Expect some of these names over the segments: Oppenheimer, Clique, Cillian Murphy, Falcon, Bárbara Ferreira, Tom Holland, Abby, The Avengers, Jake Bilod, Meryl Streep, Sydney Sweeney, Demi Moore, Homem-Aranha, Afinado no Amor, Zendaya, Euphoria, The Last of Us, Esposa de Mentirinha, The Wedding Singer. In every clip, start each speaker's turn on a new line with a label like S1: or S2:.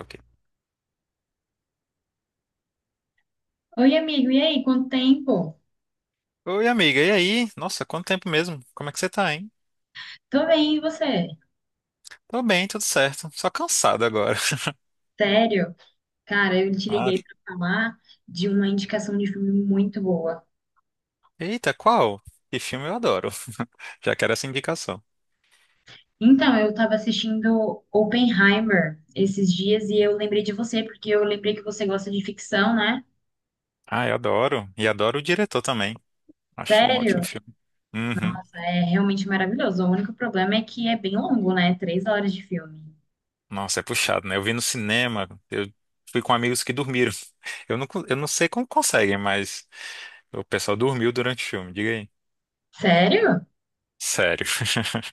S1: Ok.
S2: Oi, amigo, e aí? Quanto tempo?
S1: Oi, amiga, e aí? Nossa, quanto tempo mesmo? Como é que você tá, hein?
S2: Tô bem, e você?
S1: Tô bem, tudo certo. Só cansado agora.
S2: Sério? Cara, eu te
S1: Ah.
S2: liguei pra falar de uma indicação de filme muito boa.
S1: Eita, qual? Que filme eu adoro. Já quero essa indicação.
S2: Então, eu tava assistindo Oppenheimer esses dias e eu lembrei de você, porque eu lembrei que você gosta de ficção, né?
S1: Ah, eu adoro. E adoro o diretor também. Acho um ótimo
S2: Sério?
S1: filme. Uhum.
S2: É realmente maravilhoso. O único problema é que é bem longo, né? Três horas de filme.
S1: Nossa, é puxado, né? Eu vi no cinema. Eu fui com amigos que dormiram. Eu não sei como conseguem, mas o pessoal dormiu durante o filme, diga aí.
S2: Sério?
S1: Sério.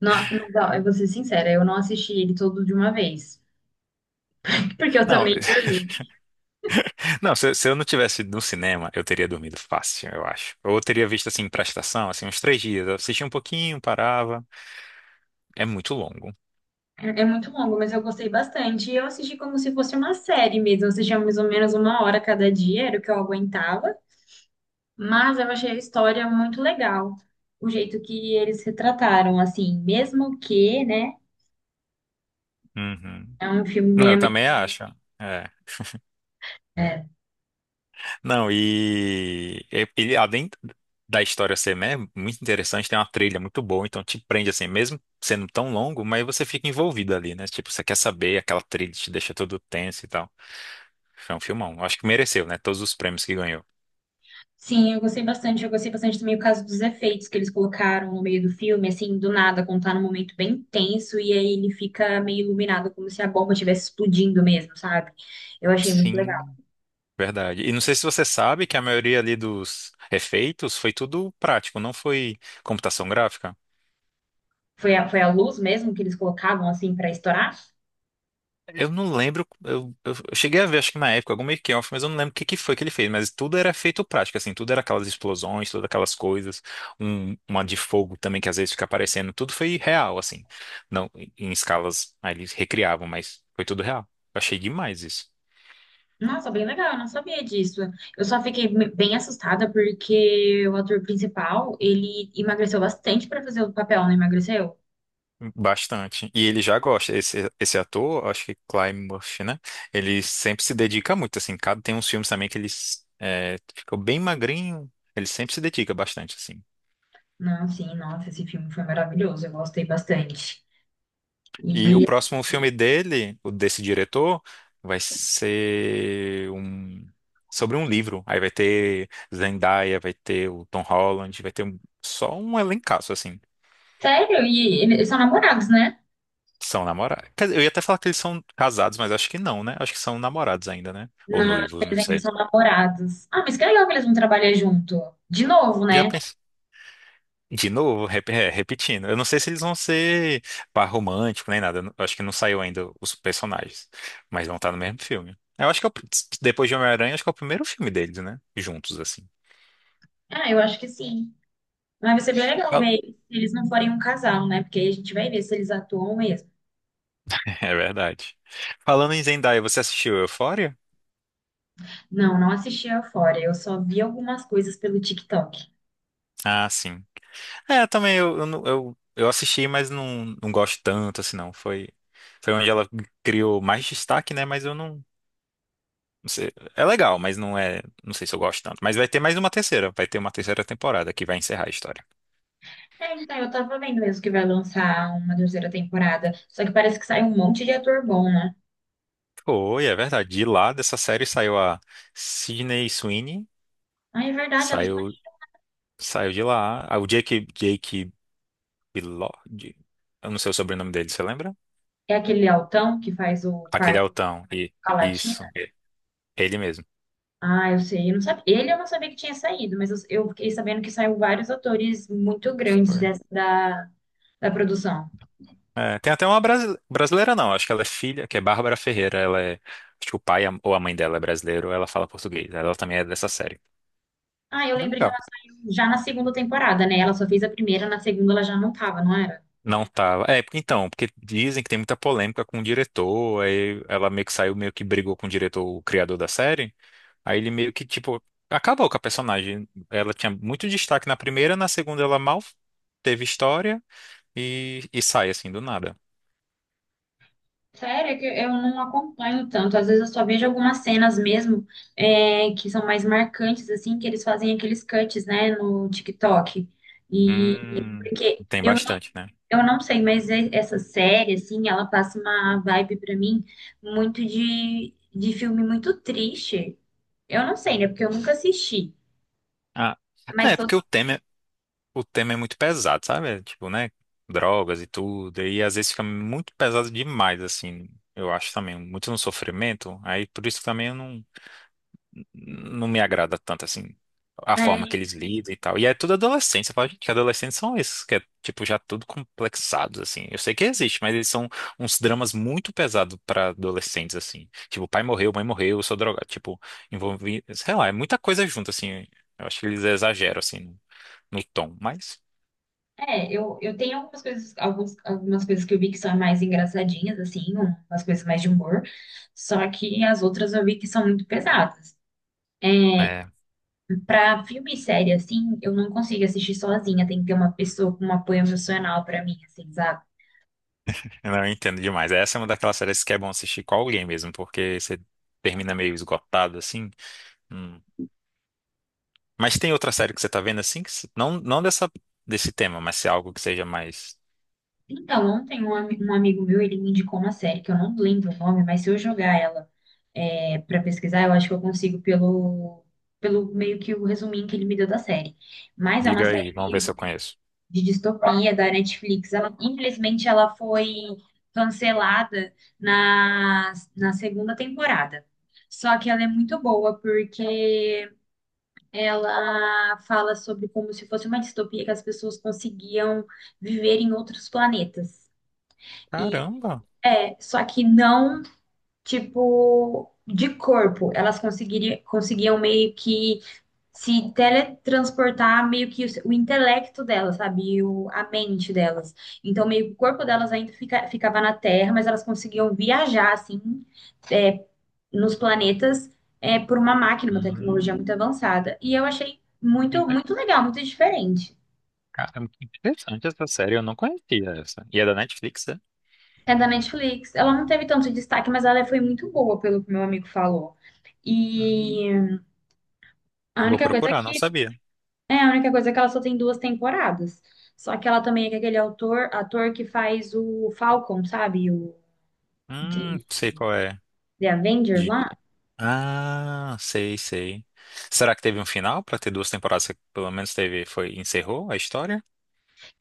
S2: Não, mas, ó, eu vou ser sincera, eu não assisti ele todo de uma vez, porque eu
S1: Não,
S2: também dormi.
S1: Não, se eu não tivesse ido no cinema, eu teria dormido fácil, eu acho. Ou eu teria visto assim pra estação, assim, uns três dias. Eu assistia um pouquinho, parava. É muito longo.
S2: É muito longo, mas eu gostei bastante. E eu assisti como se fosse uma série mesmo. Eu assistia mais ou menos uma hora cada dia, era o que eu aguentava. Mas eu achei a história muito legal. O jeito que eles retrataram, assim, mesmo que, né?
S1: Uhum.
S2: É um filme
S1: Não,
S2: meio.
S1: eu
S2: ame-
S1: também acho. É.
S2: é.
S1: Não, e além da história ser, né, muito interessante, tem uma trilha muito boa, então te prende assim, mesmo sendo tão longo, mas você fica envolvido ali, né? Tipo, você quer saber, aquela trilha te deixa todo tenso e tal. Foi um filmão. Eu Acho que mereceu, né? Todos os prêmios que ganhou.
S2: Sim, eu gostei bastante. Eu gostei bastante também o caso dos efeitos que eles colocaram no meio do filme, assim, do nada, quando tá num momento bem tenso, e aí ele fica meio iluminado, como se a bomba estivesse explodindo mesmo, sabe? Eu achei muito legal.
S1: Sim. Verdade. E não sei se você sabe que a maioria ali dos efeitos foi tudo prático, não foi computação gráfica.
S2: Foi a luz mesmo que eles colocavam assim pra estourar?
S1: Eu não lembro, eu cheguei a ver, acho que na época, algum making-of, mas eu não lembro o que foi que ele fez, mas tudo era efeito prático, assim, tudo era aquelas explosões, todas aquelas coisas, uma de fogo também que às vezes fica aparecendo, tudo foi real, assim, não em escalas, aí eles recriavam, mas foi tudo real. Eu achei demais isso.
S2: Nossa, bem legal, eu não sabia disso. Eu só fiquei me- Bem assustada porque o ator principal, ele emagreceu bastante pra fazer o papel, não emagreceu?
S1: Bastante. E ele já gosta. Esse ator, acho que Cillian Murphy, né? Ele sempre se dedica muito, assim. Cada, tem uns filmes também que ele ficou bem magrinho. Ele sempre se dedica bastante, assim.
S2: Não, sim, nossa, esse filme foi maravilhoso, eu gostei bastante.
S1: E o
S2: E,
S1: próximo filme dele, o desse diretor, vai ser um sobre um livro. Aí vai ter Zendaya, vai ter o Tom Holland, só um elencaço, assim.
S2: Sério, e eles são namorados, né?
S1: São namorados. Quer dizer, eu ia até falar que eles são casados, mas acho que não, né? Acho que são namorados ainda, né? Ou
S2: Não,
S1: noivos, não
S2: eles ainda
S1: sei.
S2: são namorados. Ah, mas que legal que eles vão trabalhar junto. De novo,
S1: Já
S2: né?
S1: pensei. De novo, repetindo. Eu não sei se eles vão ser par romântico nem nada. Eu acho que não saiu ainda os personagens. Mas vão estar no mesmo filme. Eu acho que é o pr- depois de Homem-Aranha, acho que é o primeiro filme deles, né? Juntos, assim.
S2: Ah, eu acho que sim. Mas vai ser bem legal
S1: Fal-
S2: ver se eles não forem um casal, né? Porque aí a gente vai ver se eles atuam mesmo.
S1: É verdade. Falando em Zendaya, você assistiu Euphoria?
S2: Não, não assisti a Euphoria. Eu só vi algumas coisas pelo TikTok.
S1: Ah, sim. É, também eu assisti, mas não, não gosto tanto, assim, não. Foi onde ela criou mais destaque, né? Mas eu não. Não sei, é legal, mas não é. Não sei se eu gosto tanto. Mas vai ter mais uma terceira. Vai ter uma terceira temporada que vai encerrar a história.
S2: É, então, eu tava vendo mesmo que vai lançar uma terceira temporada. Só que parece que sai um monte de ator bom, né?
S1: Foi, é verdade. De lá dessa série saiu a Sydney Sweeney.
S2: Ah, é verdade,
S1: Saiu, saiu de lá. Ah, o Jake Bilod. Eu não sei o sobrenome dele, você lembra?
S2: é aquele altão que faz o
S1: Aquele
S2: parto
S1: altão. E,
S2: com a Latina.
S1: isso. Ele mesmo.
S2: Ah, eu sei, eu não sabia. Ele Eu não sabia que tinha saído, mas eu fiquei sabendo que saiu vários atores muito grandes
S1: Foi.
S2: da produção.
S1: É, tem até uma brasileira, não. Acho que ela é filha, que é Bárbara Ferreira. Ela é. Acho que ou a mãe dela é brasileiro, ela fala português. Ela também é dessa série.
S2: Ah, eu
S1: Bem
S2: lembrei que
S1: legal.
S2: ela saiu já na segunda temporada, né? Ela só fez a primeira, na segunda ela já não tava, não era?
S1: Não tava. É, então, porque dizem que tem muita polêmica com o diretor, aí ela meio que saiu, meio que brigou com o diretor, o criador da série, aí ele meio que, tipo, acabou com a personagem. Ela tinha muito destaque na primeira, na segunda ela mal teve história e sai, assim, do nada.
S2: Sério, é que eu não acompanho tanto. Às vezes eu só vejo algumas cenas mesmo, que são mais marcantes, assim, que eles fazem aqueles cuts, né, no TikTok. E
S1: Hum,
S2: porque
S1: tem
S2: eu não,
S1: bastante, né?
S2: Eu não sei, mas essa série, assim, ela passa uma vibe pra mim muito de filme muito triste. Eu não sei, né, porque eu nunca assisti.
S1: Ah,
S2: Mas
S1: é,
S2: tô,
S1: o tema é muito pesado, sabe? É, tipo, né? Drogas e tudo, e às vezes fica muito pesado demais, assim, eu acho também, muito no sofrimento, aí por isso também eu não não me agrada tanto assim a forma
S2: é.
S1: que eles lidam e tal. E é tudo adolescente. Você fala, gente, que adolescentes são esses, que é tipo já tudo complexados assim. Eu sei que existe, mas eles são uns dramas muito pesados pra adolescentes assim. Tipo, pai morreu, mãe morreu, eu sou drogado, tipo, envolvi, sei lá, é muita coisa junto assim. Eu acho que eles exageram assim no tom, mas
S2: É, eu tenho algumas coisas, algumas coisas que eu vi que são mais engraçadinhas, assim, umas coisas mais de humor, só que as outras eu vi que são muito pesadas.
S1: é,
S2: Pra filme e série, assim, eu não consigo assistir sozinha, tem que ter uma pessoa com um apoio emocional pra mim, assim, sabe?
S1: eu não entendo demais. Essa é uma daquelas séries que é bom assistir com alguém mesmo, porque você termina meio esgotado assim. Hum. Mas tem outra série que você tá vendo assim? Que se- não, não dessa, desse tema, mas se é algo que seja mais.
S2: Então, ontem um amigo meu, ele me indicou uma série que eu não lembro o nome, mas se eu jogar ela para pesquisar, eu acho que eu consigo pelo meio que o resuminho que ele me deu da série. Mas é uma
S1: Diga aí, vamos ver
S2: série
S1: se eu conheço.
S2: de distopia da Netflix. Ela, infelizmente, ela foi cancelada na segunda temporada. Só que ela é muito boa porque ela fala sobre como se fosse uma distopia que as pessoas conseguiam viver em outros planetas. E
S1: Caramba!
S2: é, só que não, tipo, de corpo. Conseguiam meio que se teletransportar meio que o intelecto delas, sabe? A mente delas. Então, meio que o corpo delas ficava na Terra, mas elas conseguiam viajar, assim, nos planetas, é, por uma máquina, uma
S1: Hum,
S2: tecnologia muito avançada. E eu achei
S1: que
S2: muito,
S1: inte-
S2: muito legal, muito diferente.
S1: caramba, que interessante essa série. Eu não conhecia essa. E é da Netflix, é?
S2: É da Netflix. Ela não teve tanto destaque, mas ela foi muito boa, pelo que meu amigo falou.
S1: Hum,
S2: E a
S1: vou
S2: única coisa é
S1: procurar, não
S2: que assim,
S1: sabia.
S2: é, a única coisa é que ela só tem duas temporadas. Só que ela também é com aquele ator que faz o Falcon, sabe? O de
S1: Sei qual é.
S2: The Avengers
S1: De...
S2: lá.
S1: Ah, sei, sei. Será que teve um final pra ter duas temporadas? Que Pelo menos teve, foi, encerrou a história?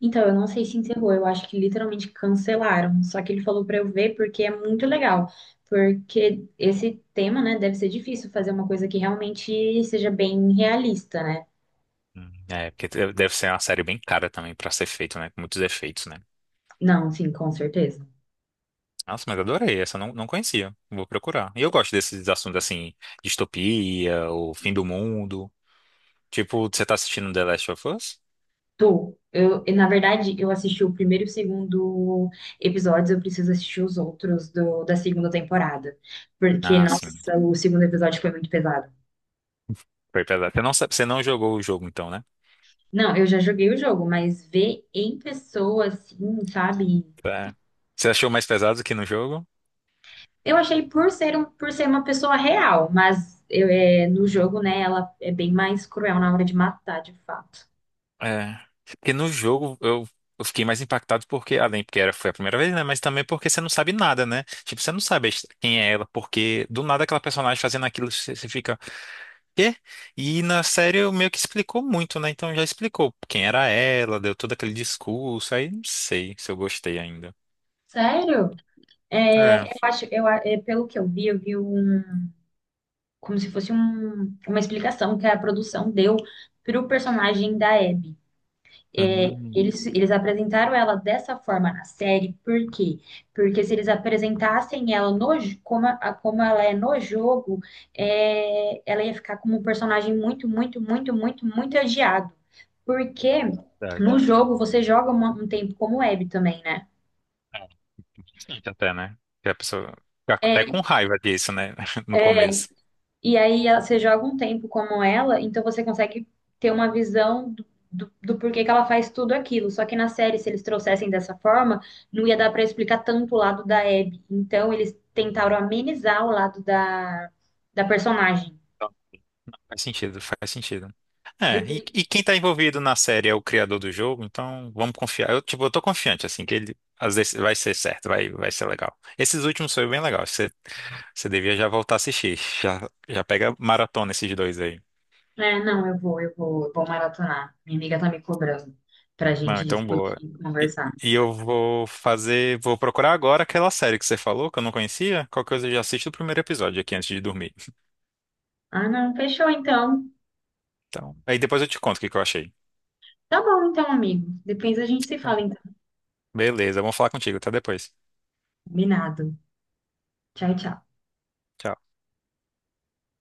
S2: Então, eu não sei se encerrou, eu acho que literalmente cancelaram. Só que ele falou pra eu ver porque é muito legal. Porque esse tema, né, deve ser difícil fazer uma coisa que realmente seja bem realista, né?
S1: É, deve ser uma série bem cara também pra ser feito, né? Com muitos efeitos, né?
S2: Não, sim, com certeza.
S1: Nossa, mas adorei. Essa eu não, não conhecia. Vou procurar. E eu gosto desses assuntos assim, distopia, o fim do mundo. Tipo, você tá assistindo The Last of Us?
S2: Tô. Na verdade, eu assisti o primeiro e o segundo episódios, eu preciso assistir os outros da segunda temporada. Porque,
S1: Ah, sim.
S2: nossa, o segundo episódio foi muito pesado.
S1: Foi pesado. Você não, você não jogou o jogo, então, né?
S2: Não, eu já joguei o jogo, mas ver em pessoa, assim, sabe?
S1: É. Você achou mais pesado que no jogo?
S2: Eu achei por ser, um, por ser uma pessoa real, mas eu, é, no jogo, né, ela é bem mais cruel na hora de matar, de fato.
S1: É. Porque no jogo eu fiquei mais impactado porque, além porque era, foi a primeira vez, né? Mas também porque você não sabe nada, né? Tipo, você não sabe a quem é ela, porque do nada aquela personagem fazendo aquilo, você, você fica. Quê? E na série eu meio que explicou muito, né? Então já explicou quem era ela, deu todo aquele discurso, aí não sei se eu gostei ainda.
S2: Sério? É,
S1: É.
S2: eu acho, eu, a- É, pelo que eu vi um como se fosse uma explicação que a produção deu para o personagem da Abby. É,
S1: Hum,
S2: eles apresentaram ela dessa forma na série, por quê? Porque se eles apresentassem ela no, j- como, como ela é no jogo, é, ela ia ficar como um personagem muito, muito, muito, muito, muito odiado. Porque no
S1: verdade.
S2: jogo você joga um tempo como Abby também, né?
S1: É, interessante até, né? Que a pessoa fica até
S2: É,
S1: com raiva disso, né? No
S2: é,
S1: começo.
S2: e aí você joga um tempo como ela, então você consegue ter uma visão do porquê que ela faz tudo aquilo. Só que na série, se eles trouxessem dessa forma, não ia dar pra explicar tanto o lado da Abby. Então eles tentaram amenizar o lado da personagem.
S1: Faz sentido, faz sentido.
S2: Foi
S1: É,
S2: por...
S1: e,
S2: i-
S1: e quem tá envolvido na série é o criador do jogo, então vamos confiar. Eu, tipo, eu tô confiante, assim, que ele às vezes vai ser certo, vai ser legal. Esses últimos foi bem legal. Você, você devia já voltar a assistir. Já pega maratona esses dois aí.
S2: É, não, eu vou maratonar. Minha amiga tá me cobrando pra
S1: Não,
S2: gente
S1: então boa.
S2: discutir,
S1: E,
S2: conversar.
S1: e eu vou fazer, vou procurar agora aquela série que você falou, que eu não conhecia. Qualquer coisa eu já assisto o primeiro episódio aqui antes de dormir.
S2: Ah, não, fechou então.
S1: Então, aí depois eu te conto o que que eu achei.
S2: Tá bom então, amigo. Depois a gente se
S1: Então,
S2: fala então.
S1: beleza, vamos falar contigo. Até depois.
S2: Combinado. Tchau, tchau.
S1: Tchau.